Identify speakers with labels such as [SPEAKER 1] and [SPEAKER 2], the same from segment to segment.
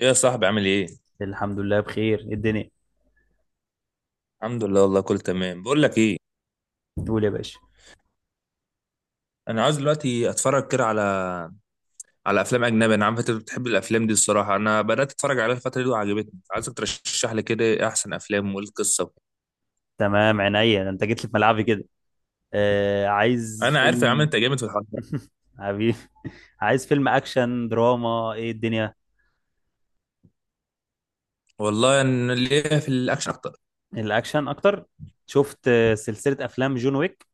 [SPEAKER 1] ايه يا صاحبي، عامل ايه؟
[SPEAKER 2] الحمد لله بخير. إيه الدنيا؟
[SPEAKER 1] الحمد لله، والله كله تمام. بقول لك ايه،
[SPEAKER 2] تقول يا باشا.
[SPEAKER 1] انا عايز دلوقتي اتفرج كده على افلام اجنبي. انا عارف انت بتحب الافلام دي. الصراحه انا بدات اتفرج عليها الفتره دي وعجبتني، عايزك ترشح لي كده إيه احسن افلام وايه القصه وكده.
[SPEAKER 2] تمام عينيا، ده انت جيت لي في ملعبي كده. آه، عايز
[SPEAKER 1] انا عارف يا عم
[SPEAKER 2] فيلم.
[SPEAKER 1] انت جامد في الحوار ده.
[SPEAKER 2] حبيبي، عايز فيلم اكشن دراما، ايه الدنيا؟
[SPEAKER 1] والله انا ليا في الاكشن اكتر.
[SPEAKER 2] الاكشن اكتر. شفت سلسلة افلام جون ويك.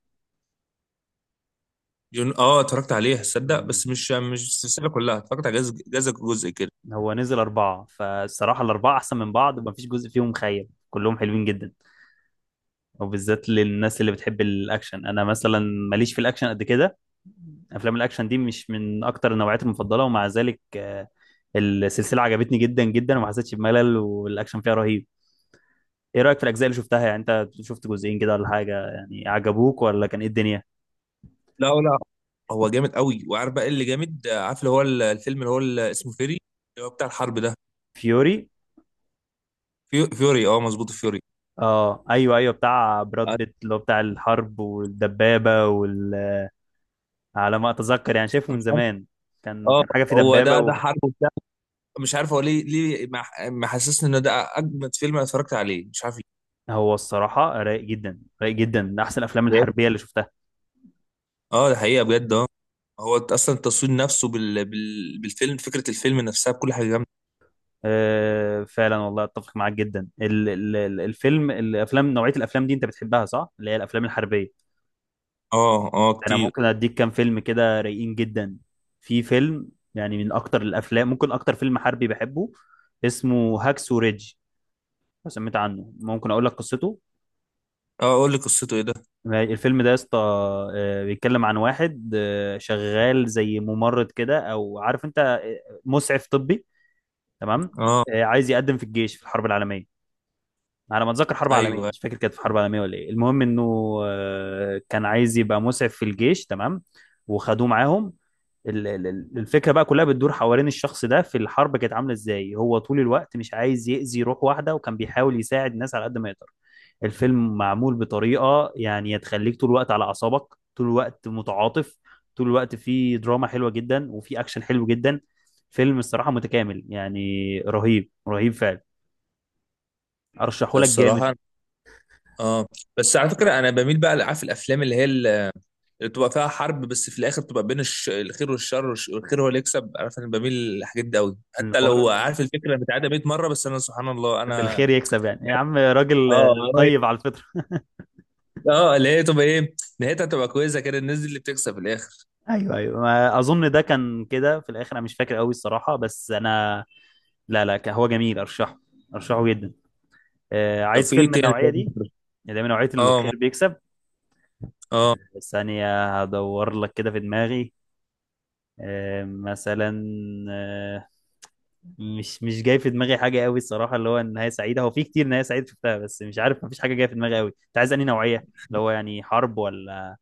[SPEAKER 1] جون، اه، اتفرجت عليها تصدق،
[SPEAKER 2] مم.
[SPEAKER 1] بس مش السلسله كلها، اتفرجت على جزء جزء جزء كده.
[SPEAKER 2] هو نزل اربعة، فالصراحة الاربعة احسن من بعض، ومفيش جزء فيهم خيب، كلهم حلوين جدا، وبالذات للناس اللي بتحب الاكشن. انا مثلا ماليش في الاكشن قد كده، افلام الاكشن دي مش من اكتر النوعيات المفضله، ومع ذلك السلسله عجبتني جدا جدا، وما حسيتش بملل، والاكشن فيها رهيب. ايه رايك في الاجزاء اللي شفتها؟ يعني انت شفت جزئين كده ولا حاجه، يعني عجبوك، ولا كان ايه الدنيا؟
[SPEAKER 1] لا، لا. هو جامد قوي. وعارف بقى إيه اللي جامد؟ عارف اللي هو الفيلم اللي هو اللي اسمه فيري، اللي هو بتاع الحرب ده.
[SPEAKER 2] فيوري،
[SPEAKER 1] فيوري، اه مظبوط، فيوري.
[SPEAKER 2] اه، ايوه ايوه، بتاع براد
[SPEAKER 1] مش
[SPEAKER 2] بيت اللي هو بتاع الحرب والدبابه وال... على ما اتذكر يعني، شايفه من
[SPEAKER 1] عارف.
[SPEAKER 2] زمان، كان
[SPEAKER 1] اه،
[SPEAKER 2] كان حاجه في
[SPEAKER 1] هو ده
[SPEAKER 2] دبابه.
[SPEAKER 1] حرب وبتاع. مش عارف هو ليه محسسني ان ده اجمد فيلم انا اتفرجت عليه، مش عارف ليه.
[SPEAKER 2] هو الصراحة رايق جدا رايق جدا، من أحسن الأفلام
[SPEAKER 1] جامد.
[SPEAKER 2] الحربية اللي شفتها.
[SPEAKER 1] اه، ده حقيقه بجد، اه. هو اصلا التصوير نفسه بالفيلم، فكره الفيلم نفسها، بكل حاجه جامده.
[SPEAKER 2] أه فعلا، والله أتفق معاك جدا. الفيلم الأفلام، نوعية الأفلام دي أنت بتحبها صح؟ اللي هي الأفلام الحربية.
[SPEAKER 1] اه، اه،
[SPEAKER 2] أنا
[SPEAKER 1] كتير.
[SPEAKER 2] ممكن أديك كام فيلم كده رايقين جدا. في فيلم يعني من أكتر الأفلام، ممكن أكتر فيلم حربي بحبه، اسمه هاكسو ريدج. لو سمعت عنه ممكن أقول لك قصته.
[SPEAKER 1] اه قول لي قصته، ايه ده؟
[SPEAKER 2] الفيلم ده يا اسطى، بيتكلم عن واحد، شغال زي ممرض كده، أو عارف أنت، مسعف طبي. تمام.
[SPEAKER 1] اه،
[SPEAKER 2] عايز يقدم في الجيش في الحرب العالميه، على ما اتذكر حرب عالميه،
[SPEAKER 1] ايوه.
[SPEAKER 2] مش فاكر كانت في حرب عالميه ولا ايه. المهم انه كان عايز يبقى مسعف في الجيش. تمام. وخدوه معاهم. الفكره بقى كلها بتدور حوالين الشخص ده، في الحرب كانت عامله ازاي، هو طول الوقت مش عايز يأذي روح واحده، وكان بيحاول يساعد الناس على قد ما يقدر. الفيلم معمول بطريقة يعني تخليك طول الوقت على أعصابك، طول الوقت متعاطف، طول الوقت فيه دراما حلوة جدا، وفيه أكشن حلو جدا. فيلم الصراحة متكامل يعني، رهيب رهيب فعلا. أرشحه
[SPEAKER 1] ده
[SPEAKER 2] لك جامد.
[SPEAKER 1] الصراحه، اه. بس على فكره، انا بميل بقى لعارف الافلام اللي هي اللي بتبقى فيها حرب، بس في الاخر بتبقى بين الخير والشر، والخير هو اللي يكسب. عارف انا بميل للحاجات دي قوي، حتى
[SPEAKER 2] الحوار
[SPEAKER 1] لو
[SPEAKER 2] إن
[SPEAKER 1] عارف الفكره متعاده 100 مره، بس انا سبحان الله
[SPEAKER 2] بحب
[SPEAKER 1] انا
[SPEAKER 2] الخير يكسب. يعني يا عم راجل
[SPEAKER 1] اه هو-
[SPEAKER 2] طيب على الفطرة.
[SPEAKER 1] اه اللي هي تبقى ايه نهايتها، تبقى كويسه كده، الناس دي اللي بتكسب في الاخر.
[SPEAKER 2] أيوه أيوه، ما أظن ده كان كده في الآخر، أنا مش فاكر قوي الصراحة، بس أنا لا لا كان- هو جميل، أرشحه، أرشحه جدا.
[SPEAKER 1] طب
[SPEAKER 2] عايز
[SPEAKER 1] في
[SPEAKER 2] فيلم
[SPEAKER 1] ايه
[SPEAKER 2] من
[SPEAKER 1] تاني؟
[SPEAKER 2] النوعية
[SPEAKER 1] طيب
[SPEAKER 2] دي، اللي هي من نوعية
[SPEAKER 1] اه
[SPEAKER 2] الخير
[SPEAKER 1] ممكن-
[SPEAKER 2] بيكسب.
[SPEAKER 1] اه،
[SPEAKER 2] ثانية هدور لك كده في دماغي. مثلا، آه، مش جاي في دماغي حاجة قوي الصراحة، اللي هو نهاية سعيدة. هو في كتير نهاية سعيدة شفتها، بس مش عارف، مفيش حاجة جاية في دماغي قوي. انت عايز انهي نوعية؟ اللي هو يعني حرب، ولا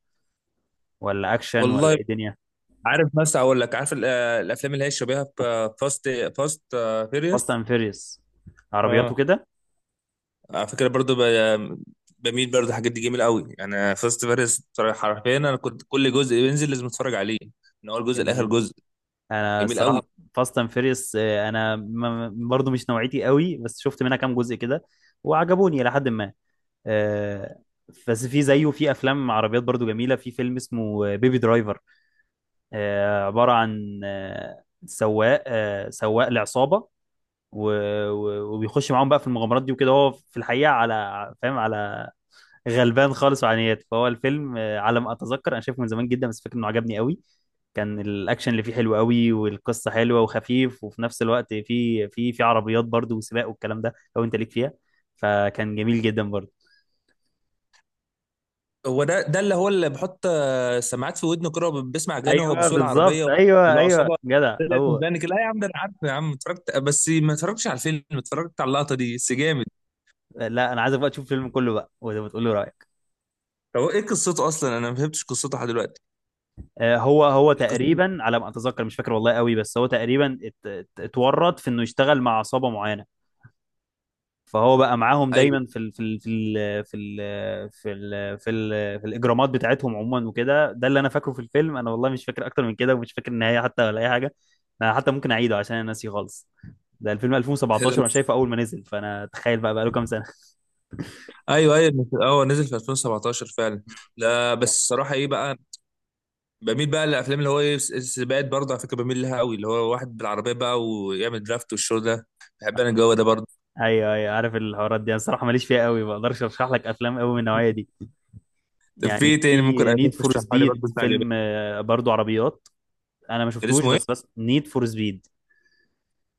[SPEAKER 2] ولا اكشن، ولا
[SPEAKER 1] والله.
[SPEAKER 2] ايه دنيا؟
[SPEAKER 1] عارف مثلا، اقول لك، عارف الافلام اللي هي شبيهه فاست، فاست
[SPEAKER 2] فاست
[SPEAKER 1] فيريوس.
[SPEAKER 2] اند فيريوس، عربيات
[SPEAKER 1] اه.
[SPEAKER 2] وكده؟
[SPEAKER 1] على فكره برضو، بميل برضو الحاجات دي جميله قوي، يعني فاست فيريوس. حرفيا انا كنت كل جزء بينزل لازم اتفرج عليه، من اول جزء لاخر
[SPEAKER 2] جميل.
[SPEAKER 1] جزء.
[SPEAKER 2] انا
[SPEAKER 1] جميل قوي.
[SPEAKER 2] الصراحة فاست اند فيريوس انا برضو مش نوعيتي قوي، بس شفت منها كام جزء كده، وعجبوني إلى حد ما. آه، بس في زيه في افلام عربيات برضو جميله. في فيلم اسمه بيبي درايفر، عباره عن سواق، سواق لعصابه، و- وبيخش معاهم بقى في المغامرات دي وكده. هو في الحقيقه، على فاهم، على غلبان خالص وعنيات. فهو الفيلم على ما اتذكر انا شايفه من زمان جدا، بس فاكر انه عجبني قوي. كان الاكشن اللي فيه حلو قوي، والقصه حلوه وخفيف، وفي نفس الوقت في عربيات برضو وسباق والكلام ده، لو انت ليك فيها فكان جميل جدا برضو.
[SPEAKER 1] هو ده اللي هو اللي بحط سماعات في ودنه كده وبيسمع اغاني وهو
[SPEAKER 2] ايوه
[SPEAKER 1] بيسوق
[SPEAKER 2] بالظبط،
[SPEAKER 1] العربيه،
[SPEAKER 2] ايوه ايوه،
[SPEAKER 1] والعصابه
[SPEAKER 2] جدع
[SPEAKER 1] طلعت من
[SPEAKER 2] هو.
[SPEAKER 1] بانك. لا يا عم، ده انا عارف يا عم، اتفرجت، بس ما اتفرجتش على الفيلم، اتفرجت على اللقطه دي بس، جامد.
[SPEAKER 2] لا، انا عايزك بقى تشوف الفيلم كله بقى وتقول لي رايك.
[SPEAKER 1] هو ايه قصته اصلا؟ انا ما فهمتش قصته لحد دلوقتي.
[SPEAKER 2] هو هو
[SPEAKER 1] قصته،
[SPEAKER 2] تقريبا، على ما اتذكر مش فاكر والله قوي، بس هو تقريبا اتورط في انه يشتغل مع عصابه معينه. فهو بقى معاهم
[SPEAKER 1] ايوه.
[SPEAKER 2] دايما في الاجرامات بتاعتهم عموما وكده. ده اللي انا فاكره في الفيلم، انا والله مش فاكر اكتر من كده، ومش فاكر النهايه حتى ولا اي حاجه. انا حتى ممكن اعيده عشان انا ناسي خالص. ده الفيلم 2017، وانا شايفه اول ما نزل، فانا تخيل بقى بقى له كام سنه.
[SPEAKER 1] ايوه، ايوه، اه، نزل في 2017 فعلا. لا بس الصراحه ايه بقى، بميل بقى للافلام اللي هو ايه سباقات برضه. على فكره بميل لها قوي، اللي هو واحد بالعربيه بقى ويعمل درافت والشو ده. بحب انا الجو ده برضه.
[SPEAKER 2] ايوه ايوه، عارف الحوارات دي انا الصراحه ماليش فيها قوي، ما اقدرش ارشح لك افلام قوي من النوعيه دي.
[SPEAKER 1] طب في
[SPEAKER 2] يعني
[SPEAKER 1] إيه تاني ممكن
[SPEAKER 2] في نيد
[SPEAKER 1] اشوف،
[SPEAKER 2] فور
[SPEAKER 1] تشرحها لي
[SPEAKER 2] سبيد،
[SPEAKER 1] برضه انت عجبك؟
[SPEAKER 2] فيلم برضو عربيات. انا ما
[SPEAKER 1] كان
[SPEAKER 2] شفتوش،
[SPEAKER 1] اسمه
[SPEAKER 2] بس نيد فور سبيد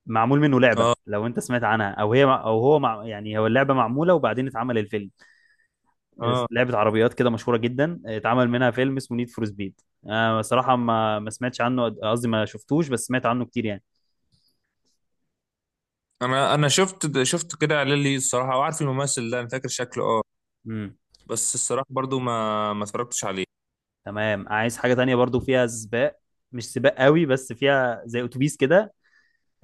[SPEAKER 2] معمول منه لعبه،
[SPEAKER 1] ايه؟
[SPEAKER 2] لو انت سمعت عنها. او هي او هو مع يعني، هو اللعبه معموله وبعدين اتعمل الفيلم.
[SPEAKER 1] اه.
[SPEAKER 2] لعبه عربيات كده مشهوره جدا، اتعمل منها فيلم اسمه نيد فور سبيد. انا صراحه ما سمعتش عنه، قصدي ما شفتوش، بس سمعت عنه كتير يعني.
[SPEAKER 1] انا شفت كده اعلان ليه الصراحه، وعارف الممثل ده انا فاكر شكله، اه.
[SPEAKER 2] امم
[SPEAKER 1] بس الصراحه برضو ما اتفرجتش عليه.
[SPEAKER 2] تمام، عايز حاجه تانية برضو فيها سباق، مش سباق قوي بس فيها زي اتوبيس كده.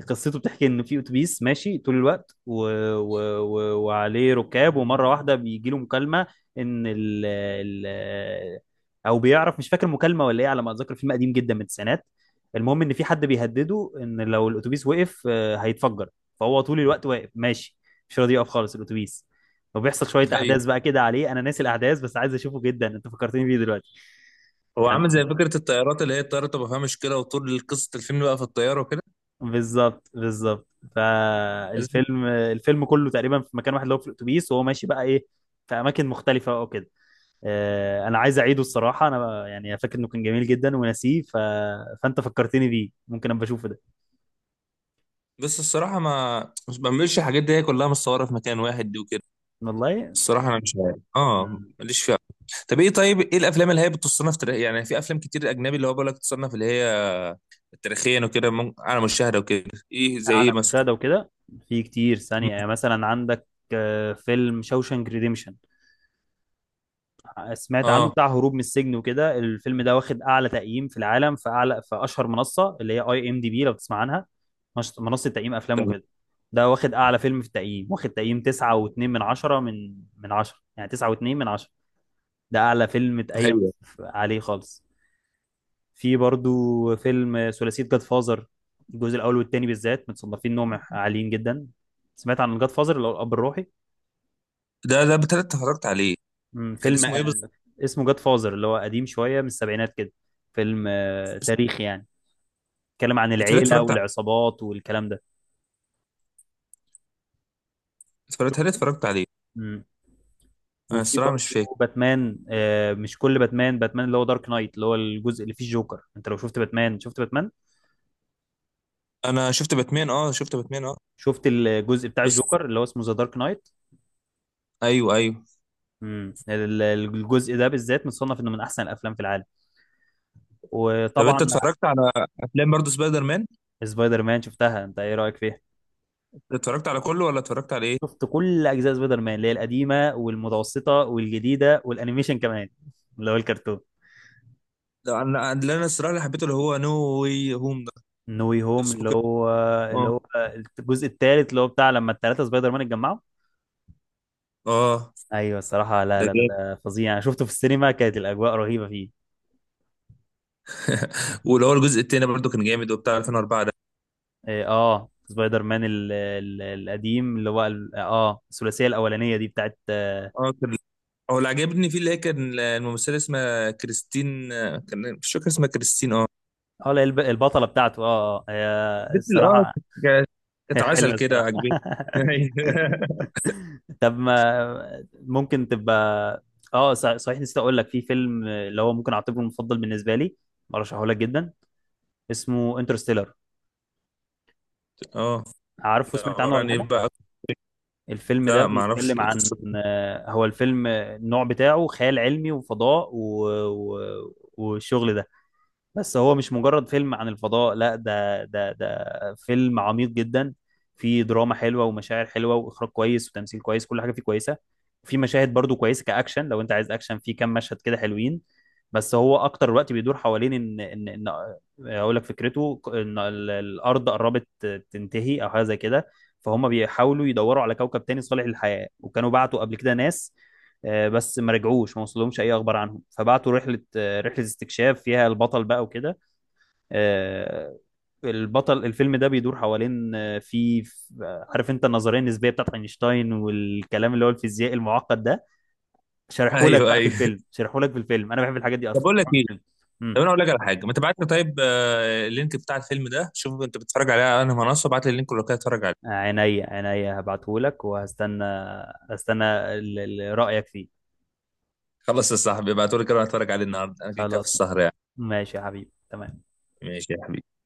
[SPEAKER 2] قصته بتحكي ان في اتوبيس ماشي طول الوقت وعليه ركاب، ومره واحده بيجي له مكالمه، ان او بيعرف، مش فاكر مكالمه ولا ايه. على ما اتذكر فيلم قديم جدا من التسعينات. المهم ان في حد بيهدده ان لو الاتوبيس وقف هيتفجر. فهو طول الوقت واقف ماشي، مش راضي يقف خالص الاتوبيس. فبيحصل شويه
[SPEAKER 1] ايوه.
[SPEAKER 2] احداث بقى كده عليه، انا ناسي الاحداث بس عايز اشوفه جدا، انت فكرتني بيه دلوقتي.
[SPEAKER 1] هو عامل
[SPEAKER 2] كان
[SPEAKER 1] زي فكره الطيارات، اللي هي الطياره تبقى فيها مشكله وطول قصه الفيلم بقى في الطياره وكده.
[SPEAKER 2] بالظبط بالظبط. فالفيلم كله تقريبا في مكان واحد، اللي هو في الاتوبيس، وهو ماشي بقى ايه، في اماكن مختلفه او كده. انا عايز اعيده الصراحه، انا يعني فاكر انه كان جميل جدا وناسيه، فانت فكرتني بيه، ممكن ابقى اشوفه ده.
[SPEAKER 1] بس الصراحه ما بعملش الحاجات دي، هي كلها متصوره في مكان واحد دي وكده.
[SPEAKER 2] والله.
[SPEAKER 1] الصراحه انا مش عارف، اه،
[SPEAKER 2] مم،
[SPEAKER 1] ماليش فيها. طب ايه، طيب ايه الافلام اللي هي بتصنف تاريخ يعني؟ في افلام كتير اجنبي اللي هو بقول لك تصنف اللي هي تاريخيا وكده، على مشاهده وكده، ايه زي ايه
[SPEAKER 2] على
[SPEAKER 1] مثلا؟
[SPEAKER 2] مشاهده وكده. في كتير،
[SPEAKER 1] مم.
[SPEAKER 2] ثانيه يعني، مثلا عندك فيلم شوشانك ريديمشن، سمعت عنه؟
[SPEAKER 1] اه
[SPEAKER 2] بتاع هروب من السجن وكده. الفيلم ده واخد اعلى تقييم في العالم، في اعلى، في اشهر منصه اللي هي IMDB، لو تسمع عنها. منصه تقييم افلام
[SPEAKER 1] تمام.
[SPEAKER 2] وكده. ده واخد اعلى فيلم في التقييم، واخد تقييم 9.2 من 10، من 10، يعني 9.2 من 10. ده اعلى فيلم اتقيم
[SPEAKER 1] أيوه.
[SPEAKER 2] عليه خالص. في برضو فيلم ثلاثيه جاد فازر. الجزء الاول والثاني بالذات متصنفين انهم عاليين جدا. سمعت عن جاد فازر اللي هو الاب الروحي؟
[SPEAKER 1] ده بالتالي اتفرجت عليه. كان
[SPEAKER 2] فيلم
[SPEAKER 1] اسمه ايه بالظبط؟
[SPEAKER 2] اسمه جاد فازر، اللي هو قديم شوية من السبعينات كده. فيلم تاريخي يعني، اتكلم عن
[SPEAKER 1] بالتالي
[SPEAKER 2] العيلة
[SPEAKER 1] اتفرجت عليه.
[SPEAKER 2] والعصابات والكلام ده.
[SPEAKER 1] بالتالي
[SPEAKER 2] شفته؟
[SPEAKER 1] اتفرجت عليه.
[SPEAKER 2] مم.
[SPEAKER 1] انا
[SPEAKER 2] وفي
[SPEAKER 1] الصراحه مش فاكر.
[SPEAKER 2] برضه باتمان. مش كل باتمان، باتمان اللي هو دارك نايت، اللي هو الجزء اللي فيه الجوكر. انت لو شفت باتمان، شفت باتمان،
[SPEAKER 1] انا شفت باتمان، اه، شفت باتمان، اه.
[SPEAKER 2] شفت الجزء بتاع
[SPEAKER 1] بس
[SPEAKER 2] الجوكر اللي هو اسمه ذا دارك نايت؟
[SPEAKER 1] ايوه، ايوه.
[SPEAKER 2] مم. الجزء ده بالذات متصنف انه من احسن الافلام في العالم.
[SPEAKER 1] طب انت
[SPEAKER 2] وطبعا
[SPEAKER 1] اتفرجت على افلام برضو سبايدر مان؟
[SPEAKER 2] سبايدر مان شفتها، انت ايه رأيك فيها؟
[SPEAKER 1] اتفرجت على كله ولا اتفرجت على ايه؟
[SPEAKER 2] شفت كل اجزاء سبايدر مان اللي هي القديمه والمتوسطه والجديده والانيميشن كمان، اللي هو الكرتون.
[SPEAKER 1] ده انا اللي انا الصراحه اللي حبيته اللي هو نو واي هوم ده.
[SPEAKER 2] نو واي
[SPEAKER 1] كان
[SPEAKER 2] هوم،
[SPEAKER 1] اسمه
[SPEAKER 2] اللي
[SPEAKER 1] كده،
[SPEAKER 2] هو اللي
[SPEAKER 1] اه.
[SPEAKER 2] هو الجزء الثالث، اللي هو بتاع لما الثلاثه سبايدر مان اتجمعوا.
[SPEAKER 1] اه.
[SPEAKER 2] ايوه الصراحه، لا
[SPEAKER 1] ده
[SPEAKER 2] لا لا
[SPEAKER 1] جامد.
[SPEAKER 2] ده فظيع، انا شفته في السينما، كانت الاجواء رهيبه فيه.
[SPEAKER 1] واللي هو الجزء التاني برضو كان جامد، وبتاع 2004 ده.
[SPEAKER 2] إيه، اه سبايدر مان، ال القديم، اللي هو الثلاثيه الاولانيه دي بتاعت
[SPEAKER 1] اه، كان هو اللي عجبني فيه اللي هي كان الممثله اسمها كريستين. كان مش فاكر اسمها، كريستين، اه.
[SPEAKER 2] لا، البطله بتاعته، اه اه. هي
[SPEAKER 1] بيتل، اه.
[SPEAKER 2] الصراحه
[SPEAKER 1] ك- كانت
[SPEAKER 2] هي
[SPEAKER 1] عسل
[SPEAKER 2] حلوه
[SPEAKER 1] كده،
[SPEAKER 2] الصراحه
[SPEAKER 1] عجبتني. أيوة.
[SPEAKER 2] طب ما ممكن تبقى، اه صحيح، نسيت اقول لك في فيلم اللي هو ممكن اعتبره المفضل بالنسبه لي، برشحه لك جدا، اسمه انترستيلر.
[SPEAKER 1] اه،
[SPEAKER 2] عارفه؟
[SPEAKER 1] ده
[SPEAKER 2] سمعت عنه
[SPEAKER 1] عباره
[SPEAKER 2] ولا
[SPEAKER 1] عن ايه
[SPEAKER 2] حاجه؟
[SPEAKER 1] بقى؟
[SPEAKER 2] الفيلم ده
[SPEAKER 1] لا ما اعرفش
[SPEAKER 2] بيتكلم عن
[SPEAKER 1] قصته.
[SPEAKER 2] هو الفيلم النوع بتاعه خيال علمي وفضاء والشغل ده. بس هو مش مجرد فيلم عن الفضاء، لا، ده فيلم عميق جدا. فيه دراما حلوة ومشاعر حلوة وإخراج كويس وتمثيل كويس، كل حاجة فيه كويسة. وفي مشاهد برضو كويسة كأكشن، لو أنت عايز أكشن فيه كام مشهد كده حلوين. بس هو أكتر الوقت بيدور حوالين إن إن، أقول لك فكرته، إن الأرض قربت تنتهي أو حاجة زي كده. فهم بيحاولوا يدوروا على كوكب تاني صالح للحياة، وكانوا بعتوا قبل كده ناس بس ما رجعوش، ما وصلهمش أي أخبار عنهم. فبعتوا رحلة، رحله استكشاف فيها البطل بقى وكده. آه، البطل الفيلم ده بيدور حوالين في عارف انت النظريه النسبيه بتاعت اينشتاين والكلام، اللي هو الفيزياء المعقد ده، شارحهولك
[SPEAKER 1] ايوه،
[SPEAKER 2] بقى في
[SPEAKER 1] ايوه.
[SPEAKER 2] الفيلم، شارحهولك في الفيلم، انا بحب الحاجات دي
[SPEAKER 1] طب
[SPEAKER 2] اصلا،
[SPEAKER 1] اقول لك ايه،
[SPEAKER 2] شارحهولك في الفيلم.
[SPEAKER 1] طب
[SPEAKER 2] امم
[SPEAKER 1] انا اقول لك على حاجه، ما تبعت لي طيب اللينك بتاع الفيلم ده. شوف انت بتتفرج عليه على انهي منصه، ابعت لي اللينك ولو كده اتفرج عليه.
[SPEAKER 2] عينيا عينيا، هبعتهولك وهستنى، هستنى رايك فيه.
[SPEAKER 1] خلص يا صاحبي، ابعته لي كده اتفرج عليه النهارده، انا كده كده في
[SPEAKER 2] خلاص،
[SPEAKER 1] السهر يعني.
[SPEAKER 2] ماشي يا حبيبي، تمام.
[SPEAKER 1] ماشي يا حبيبي.